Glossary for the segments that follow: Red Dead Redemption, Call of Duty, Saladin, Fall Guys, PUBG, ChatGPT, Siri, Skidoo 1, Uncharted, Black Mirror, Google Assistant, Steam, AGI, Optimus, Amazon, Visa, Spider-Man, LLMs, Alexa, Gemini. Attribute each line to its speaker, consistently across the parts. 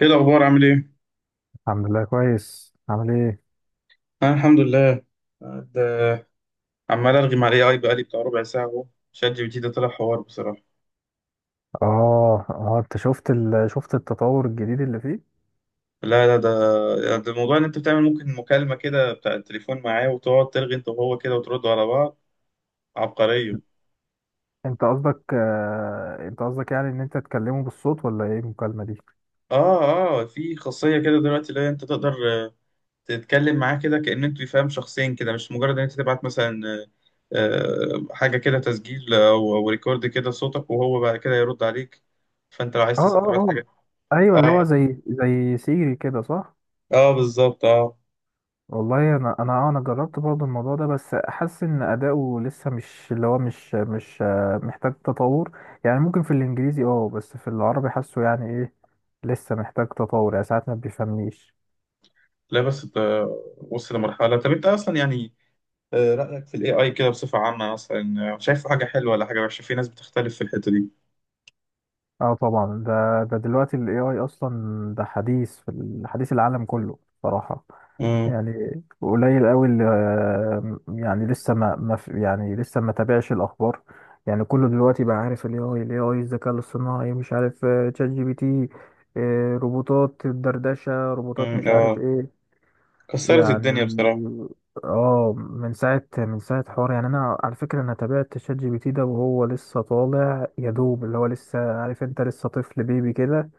Speaker 1: ايه الاخبار؟ عامل ايه؟
Speaker 2: الحمد لله، كويس. عامل ايه؟
Speaker 1: انا الحمد لله. ده عمال ارغي مع الاي اي بقالي بتاع ربع ساعه اهو. شات جي بي تي ده طلع حوار بصراحه.
Speaker 2: اه، انت شفت شفت التطور الجديد اللي فيه.
Speaker 1: لا لا، ده موضوع ان انت بتعمل ممكن مكالمه كده بتاع التليفون معاه، وتقعد ترغي انت وهو كده وتردوا على بعض. عبقريه.
Speaker 2: انت قصدك انت قصدك، يعني ان انت تكلمه بالصوت ولا ايه المكالمة دي؟
Speaker 1: اه، اه في خاصيه كده دلوقتي اللي هي انت تقدر آه، تتكلم معاه كده كأن انتوا فاهم شخصين، كده مش مجرد ان انت تبعت مثلا حاجه كده تسجيل او ريكورد كده صوتك، وهو بعد كده يرد عليك. فانت لو عايز
Speaker 2: اه، اه،
Speaker 1: تسمع تبعت
Speaker 2: اه،
Speaker 1: حاجه.
Speaker 2: ايوه. اللي هو
Speaker 1: اه،
Speaker 2: زي سيري كده، صح؟
Speaker 1: اه بالظبط، اه.
Speaker 2: والله انا جربت برضه الموضوع ده، بس حاسس ان اداؤه لسه، مش اللي هو، مش محتاج تطور. يعني ممكن في الانجليزي، اه، بس في العربي حاسه يعني ايه. لسه محتاج تطور، يعني ساعات ما بيفهمنيش.
Speaker 1: لا بس انت وصل لمرحلة. طب انت اصلا يعني رأيك في الاي اي كده بصفة عامة اصلا، شايفه حاجة حلوة ولا حاجة وحشة؟ في ناس بتختلف في الحتة دي.
Speaker 2: اه طبعا. ده دلوقتي ال AI اصلا، ده حديث في حديث العالم كله صراحة.
Speaker 1: امم،
Speaker 2: يعني قليل قوي اللي، يعني لسه ما ما في- يعني لسه ما تابعش الاخبار. يعني كله دلوقتي بقى عارف ال AI، ال AI، الذكاء الاصطناعي، مش عارف تشات جي بي تي، روبوتات الدردشة، روبوتات،
Speaker 1: امم،
Speaker 2: مش عارف
Speaker 1: اه
Speaker 2: ايه.
Speaker 1: كسرت
Speaker 2: يعني،
Speaker 1: الدنيا بصراحة.
Speaker 2: اه، من ساعة، من ساعة حوار، يعني انا على فكرة انا تابعت شات جي بي تي ده وهو لسه طالع يا دوب، اللي هو لسه، عارف انت، لسه طفل بيبي كده.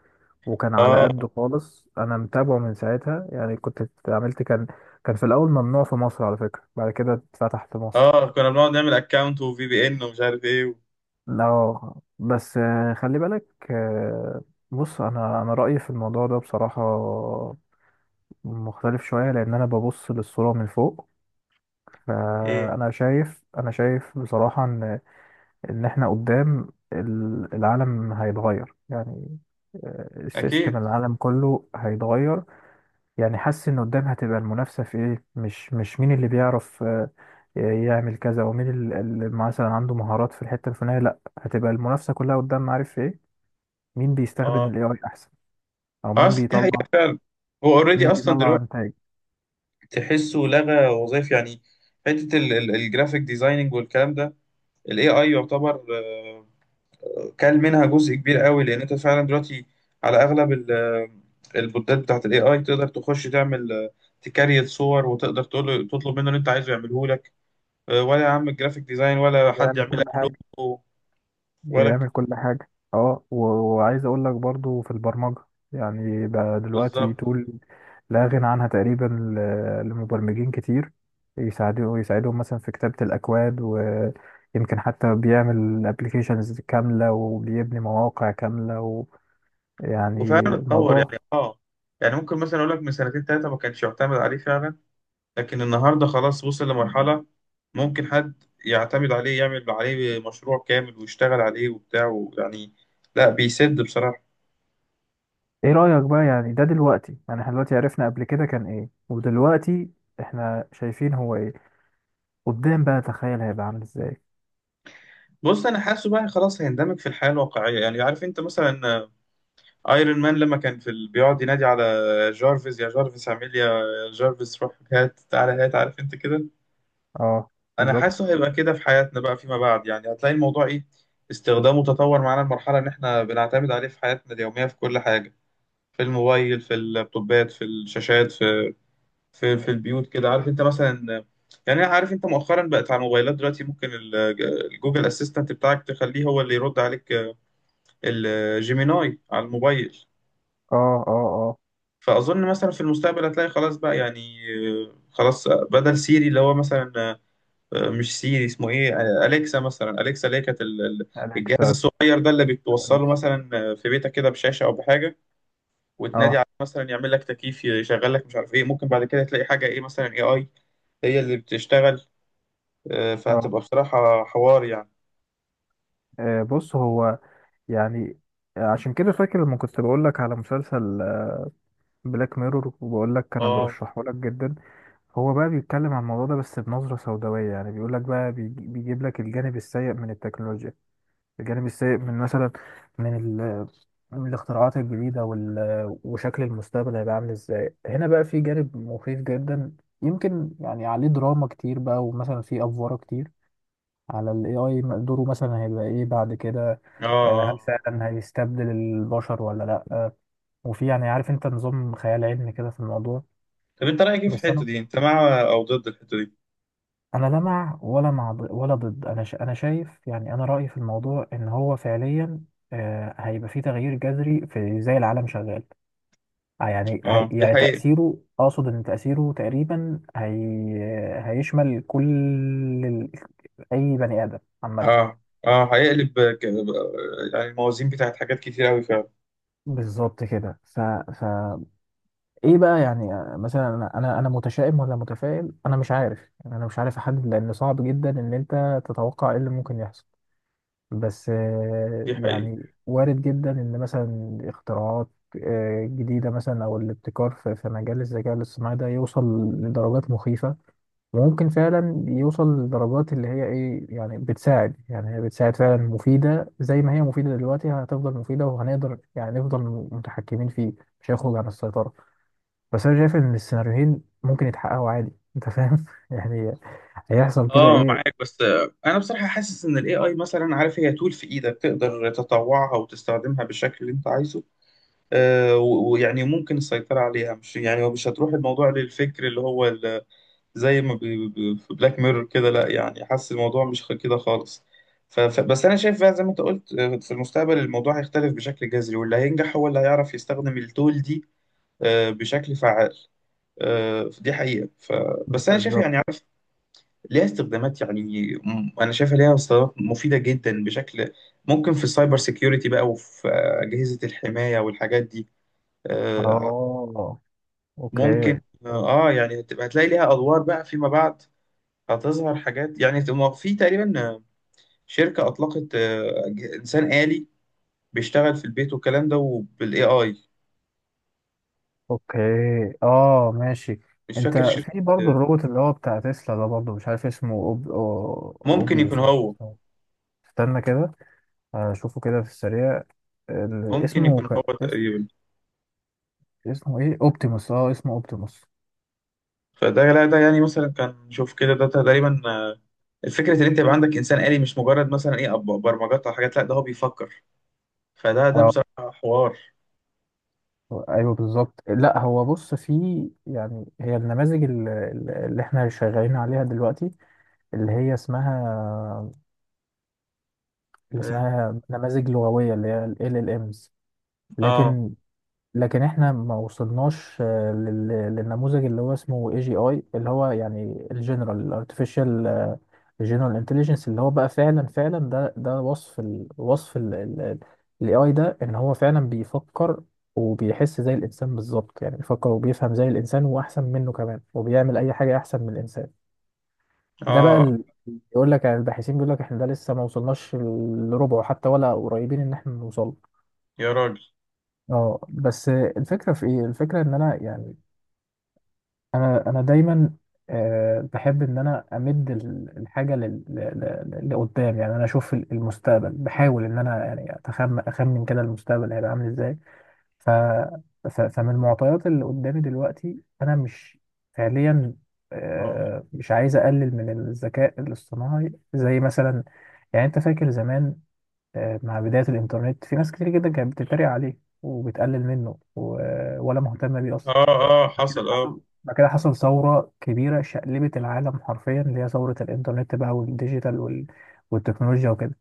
Speaker 2: وكان على
Speaker 1: اه،
Speaker 2: قده خالص. انا متابعه من ساعتها. يعني كنت عملت، كان، كان في الاول ممنوع في مصر على فكرة، بعد كده اتفتح في مصر.
Speaker 1: اه كنا بنقعد نعمل اكونت وفي بي ان ومش عارف ايه
Speaker 2: لا، بس خلي بالك. بص، انا انا رأيي في الموضوع ده بصراحة مختلف شوية، لان انا ببص للصورة من فوق.
Speaker 1: ايه،
Speaker 2: فانا شايف، انا شايف بصراحه ان احنا قدام العالم هيتغير يعني. السيستم،
Speaker 1: اكيد،
Speaker 2: العالم كله هيتغير. يعني حاسس ان قدام هتبقى المنافسه في ايه. مش مش مين اللي بيعرف يعمل كذا، ومين اللي مثلا عنده مهارات في الحته الفلانيه. لا، هتبقى المنافسه كلها قدام، عارف في ايه؟ مين بيستخدم
Speaker 1: اه.
Speaker 2: الاي اي احسن، او مين
Speaker 1: اصل دي
Speaker 2: بيطلع
Speaker 1: حقيقة فعلا. هو اوريدي
Speaker 2: مين
Speaker 1: اصلا
Speaker 2: بيطلع
Speaker 1: دلوقتي
Speaker 2: انتاج،
Speaker 1: تحسه لغى وظائف يعني. حتة الجرافيك ديزايننج والكلام ده، الاي اي يعتبر كل منها جزء كبير قوي، لان انت فعلا دلوقتي على اغلب البوتات بتاعت الاي اي تقدر تخش تعمل تكريت صور، وتقدر تطلب منه اللي انت عايزه يعمله لك. ولا يا عم الجرافيك ديزاين، ولا حد
Speaker 2: يعمل
Speaker 1: يعمل
Speaker 2: كل
Speaker 1: لك
Speaker 2: حاجه.
Speaker 1: لوجو ولا ك-
Speaker 2: بيعمل كل حاجة. اه، وعايز اقول لك برضو في البرمجة. يعني بقى دلوقتي
Speaker 1: بالظبط.
Speaker 2: تقول لا غنى عنها تقريبا لمبرمجين كتير. يساعدهم مثلا في كتابة الأكواد، ويمكن حتى بيعمل ابلكيشنز كاملة وبيبني مواقع كاملة ويعني
Speaker 1: وفعلا اتطور يعني،
Speaker 2: الموضوع.
Speaker 1: اه. يعني ممكن مثلا اقول لك من سنتين ثلاثه ما كانش يعتمد عليه فعلا، لكن النهارده خلاص وصل لمرحله ممكن حد يعتمد عليه، يعمل عليه مشروع كامل ويشتغل عليه وبتاع يعني، لا بيسد بصراحه.
Speaker 2: ايه رأيك بقى؟ يعني ده دلوقتي، يعني احنا دلوقتي عرفنا قبل كده كان ايه، ودلوقتي احنا شايفين هو ايه. قدام بقى، تخيل هيبقى عامل ازاي.
Speaker 1: بص انا حاسه بقى خلاص هيندمج في الحياه الواقعيه، يعني عارف انت مثلا ايرون مان لما كان في بيقعد ينادي على جارفيس، يا جارفيس اعمل لي، يا جارفيس روح هات تعالى هات، عارف انت كده.
Speaker 2: اه،
Speaker 1: انا
Speaker 2: بالظبط.
Speaker 1: حاسه هيبقى كده في حياتنا بقى فيما بعد، يعني هتلاقي الموضوع ايه، استخدامه تطور معانا المرحله ان احنا بنعتمد عليه في حياتنا اليوميه في كل حاجه، في الموبايل، في اللابتوبات، في الشاشات، في في البيوت كده. عارف انت مثلا، يعني أنا عارف انت مؤخرا بقت على الموبايلات دلوقتي ممكن الجوجل اسيستنت بتاعك تخليه هو اللي يرد عليك، الجيميناي على الموبايل.
Speaker 2: اه، اه، اه.
Speaker 1: فأظن مثلا في المستقبل هتلاقي خلاص بقى يعني خلاص بدل سيري اللي هو مثلا مش سيري، اسمه ايه؟ أليكسا مثلا. أليكسا اللي هي كانت الجهاز
Speaker 2: أليكسا.
Speaker 1: الصغير ده اللي بتوصله
Speaker 2: أليكسا.
Speaker 1: مثلا في بيتك كده بشاشة أو بحاجة، وتنادي
Speaker 2: اه،
Speaker 1: عليه مثلا يعمل لك تكييف، يشغل لك مش عارف ايه. ممكن بعد كده تلاقي حاجة ايه مثلا، اي اي هي اللي بتشتغل.
Speaker 2: اه.
Speaker 1: فهتبقى بصراحة حوار يعني.
Speaker 2: بص هو، يعني عشان كده فاكر لما كنت بقول لك على مسلسل بلاك ميرور، وبقول لك انا
Speaker 1: اه،
Speaker 2: برشحه لك جدا. هو بقى بيتكلم عن الموضوع ده، بس بنظرة سوداوية. يعني بيقول لك بقى، بيجيب لك الجانب السيء من التكنولوجيا، الجانب السيء من، مثلا، من ال من الاختراعات الجديدة وشكل المستقبل هيبقى عامل ازاي. هنا بقى في جانب مخيف جدا، يمكن، يعني عليه دراما كتير بقى، ومثلا فيه أفوارة كتير على ال AI. دوره مثلا هيبقى ايه بعد كده،
Speaker 1: اه،
Speaker 2: هل
Speaker 1: اه.
Speaker 2: فعلا هيستبدل البشر ولا لا، وفي، يعني عارف انت، نظام خيال علمي كده في الموضوع.
Speaker 1: طب انت رأيك ايه في
Speaker 2: بس
Speaker 1: الحتة
Speaker 2: انا
Speaker 1: دي؟ انت مع او ضد الحتة دي؟
Speaker 2: انا لا مع، ولا مع ولا ضد. انا انا شايف، يعني انا رأيي في الموضوع ان هو فعليا هيبقى فيه تغيير جذري في ازاي العالم شغال. يعني هي،
Speaker 1: اه دي
Speaker 2: يعني
Speaker 1: حقيقة.
Speaker 2: تأثيره، اقصد ان تأثيره تقريبا، هي هيشمل كل ال- اي بني آدم عامة.
Speaker 1: اه، اه هيقلب يعني الموازين بتاعت حاجات كتير قوي فعلا.
Speaker 2: بالظبط كده. ف... ايه بقى يعني؟ مثلا انا انا أنا متشائم ولا متفائل، انا مش عارف. يعني انا مش عارف احدد، لان صعب جدا ان انت تتوقع ايه اللي ممكن يحصل. بس
Speaker 1: دي حقيقة.
Speaker 2: يعني وارد جدا ان، مثلا، اختراعات جديدة، مثلا، او الابتكار في مجال الذكاء الاصطناعي ده يوصل لدرجات مخيفة. وممكن فعلا يوصل لدرجات اللي هي ايه، يعني بتساعد، يعني هي بتساعد فعلا، مفيدة زي ما هي مفيدة دلوقتي، هتفضل مفيدة، وهنقدر يعني نفضل متحكمين فيه، مش هيخرج عن السيطرة. بس انا شايف ان السيناريوهين ممكن يتحققوا عادي. انت فاهم يعني، هيحصل كده
Speaker 1: اه معاك.
Speaker 2: ايه.
Speaker 1: بس انا بصراحة حاسس ان الاي اي مثلا، عارف، هي تول في ايدك تقدر تطوعها وتستخدمها بالشكل اللي انت عايزه. ويعني ممكن السيطرة عليها، مش يعني هو مش هتروح الموضوع للفكر اللي هو زي ما في بلاك ميرور كده، لا يعني حاسس الموضوع مش كده خالص. بس انا شايف بقى، زي ما انت قلت، في المستقبل الموضوع هيختلف بشكل جذري، واللي هينجح هو اللي هيعرف يستخدم التول دي بشكل فعال. دي حقيقة. بس أنا شايف يعني،
Speaker 2: بالظبط.
Speaker 1: عارف، ليها استخدامات يعني، أنا شايفها ليها استخدامات مفيدة جدا بشكل. ممكن في السايبر سيكيورتي بقى، وفي أجهزة الحماية والحاجات دي. آه،
Speaker 2: اه، اوكي.
Speaker 1: ممكن يعني هتلاقي ليها أدوار بقى فيما بعد، هتظهر حاجات، يعني في تقريبا شركة أطلقت إنسان آلي بيشتغل في البيت والكلام ده، وبال AI.
Speaker 2: اوكي، اه، ماشي.
Speaker 1: مش
Speaker 2: انت
Speaker 1: فاكر شركة.
Speaker 2: في برضه
Speaker 1: آه،
Speaker 2: الروبوت اللي هو بتاع تسلا ده، برضه مش عارف اسمه،
Speaker 1: ممكن يكون
Speaker 2: اوبيوس، ولا
Speaker 1: هو.
Speaker 2: اسمه، استنى كده اشوفه كده في السريع. اسمه،
Speaker 1: تقريبا.
Speaker 2: اسمه ايه، اوبتيموس. اه، اسمه اوبتيموس.
Speaker 1: فده، لا ده يعني مثلا كان، شوف كده، ده تقريبا الفكرة ان انت يبقى عندك انسان آلي، مش مجرد مثلا ايه برمجات او حاجات، لا ده هو بيفكر. فده
Speaker 2: اه،
Speaker 1: بصراحة حوار.
Speaker 2: ايوه بالظبط. لا هو بص، في، يعني هي النماذج اللي احنا شغالين عليها دلوقتي، اللي هي اسمها، اللي
Speaker 1: اه،
Speaker 2: اسمها نماذج لغوية، اللي هي ال LLMs.
Speaker 1: اه،
Speaker 2: لكن لكن احنا ما وصلناش للنموذج اللي هو اسمه AGI، اللي هو يعني الجنرال artificial general intelligence، اللي هو بقى فعلا، ده ده وصف ال AI ده، ان هو فعلا بيفكر وبيحس زي الانسان بالظبط. يعني بيفكر وبيفهم زي الانسان واحسن منه كمان، وبيعمل اي حاجة احسن من الانسان. ده بقى
Speaker 1: آه،
Speaker 2: يقول لك، يعني الباحثين بيقول لك احنا ده لسه ما وصلناش لربعه حتى، ولا قريبين ان احنا نوصل.
Speaker 1: يا راجل.
Speaker 2: اه بس الفكره في ايه، الفكره ان انا، يعني انا دايما بحب ان انا امد الحاجه لقدام. يعني انا اشوف المستقبل، بحاول ان انا، يعني، اتخمن، اخمن كده المستقبل هيبقى عامل ازاي. ف... فمن المعطيات اللي قدامي دلوقتي، انا مش فعليا
Speaker 1: اه،
Speaker 2: مش عايز اقلل من الذكاء الاصطناعي. زي مثلا، يعني انت فاكر زمان، مع بداية الانترنت، في ناس كتير جدا كانت بتتريق عليه وبتقلل منه، ولا مهتمة بيه اصلا.
Speaker 1: اه، اه حصل، اه.
Speaker 2: بعد كده حصل ثورة كبيرة شقلبت العالم حرفيا، اللي هي ثورة الانترنت بقى، والديجيتال والتكنولوجيا وكده.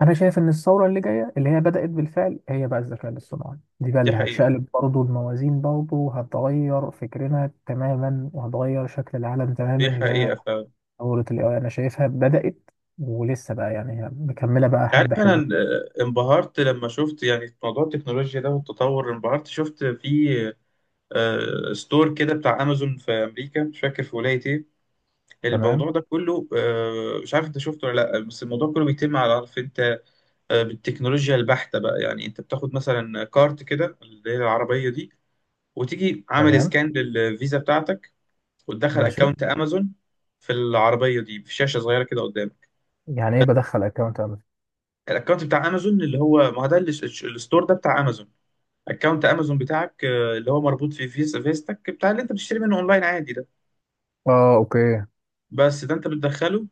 Speaker 2: انا شايف ان الثوره اللي جايه، اللي هي بدات بالفعل، هي بقى الذكاء الاصطناعي دي بقى،
Speaker 1: دي
Speaker 2: اللي
Speaker 1: حقيقة،
Speaker 2: هتشقلب برضه الموازين برضه، وهتغير فكرنا تماما، وهتغير شكل العالم تماما،
Speaker 1: دي
Speaker 2: اللي هي
Speaker 1: حقيقة.
Speaker 2: ثوره الاي اي. انا شايفها بدات، ولسه بقى يعني، هي مكمله بقى
Speaker 1: عارف
Speaker 2: حبه
Speaker 1: انا
Speaker 2: حلو.
Speaker 1: انبهرت لما شفت يعني موضوع التكنولوجيا ده والتطور. انبهرت شفت في ستور كده بتاع امازون في امريكا، مش فاكر في ولاية ايه. الموضوع
Speaker 2: تمام.
Speaker 1: ده كله، مش عارف انت شفته ولا لا، بس الموضوع كله بيتم على، عارف انت، بالتكنولوجيا البحتة بقى. يعني انت بتاخد مثلا كارت كده اللي هي العربية دي، وتيجي عامل
Speaker 2: تمام،
Speaker 1: سكان للفيزا بتاعتك، وتدخل
Speaker 2: ماشي.
Speaker 1: اكونت امازون في العربية دي في شاشة صغيرة كده قدامك.
Speaker 2: يعني ايه بدخل اكونت اعمل؟
Speaker 1: الاكونت بتاع امازون اللي هو، ما هو ده الستور ده بتاع امازون، اكونت امازون بتاعك اللي هو مربوط في فيزا فيزتك بتاع اللي انت بتشتري منه اونلاين عادي ده.
Speaker 2: اه، اوكي.
Speaker 1: بس ده انت بتدخله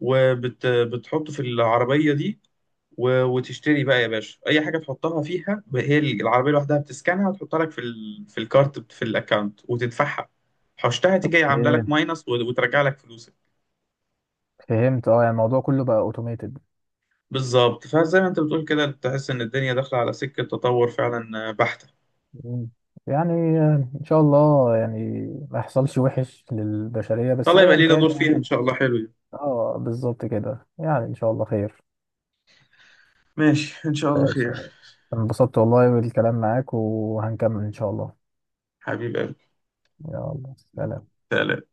Speaker 1: وبتحطه في العربية دي، وتشتري بقى يا باشا اي حاجه تحطها فيها. هي العربيه لوحدها بتسكنها وتحطها لك في في الكارت في الاكونت وتدفعها. حوشتها تيجي عامله لك
Speaker 2: ايه،
Speaker 1: ماينس، وترجع لك فلوسك.
Speaker 2: فهمت. اه، يعني الموضوع كله بقى اوتوميتد.
Speaker 1: بالظبط. فزي ما انت بتقول كده، تحس ان الدنيا داخله على سكه تطور فعلا بحته.
Speaker 2: يعني ان شاء الله يعني ما يحصلش وحش للبشريه، بس
Speaker 1: الله يبقى
Speaker 2: ايا
Speaker 1: لينا
Speaker 2: كان.
Speaker 1: دور فيها ان شاء الله، حلو يعني.
Speaker 2: اه، بالظبط كده. يعني ان شاء الله خير.
Speaker 1: ماشي، ان شاء الله
Speaker 2: ماشي.
Speaker 1: خير.
Speaker 2: انبسطت والله بالكلام معاك، وهنكمل ان شاء الله.
Speaker 1: حبيب قلبي.
Speaker 2: يلا، سلام.
Speaker 1: سلام.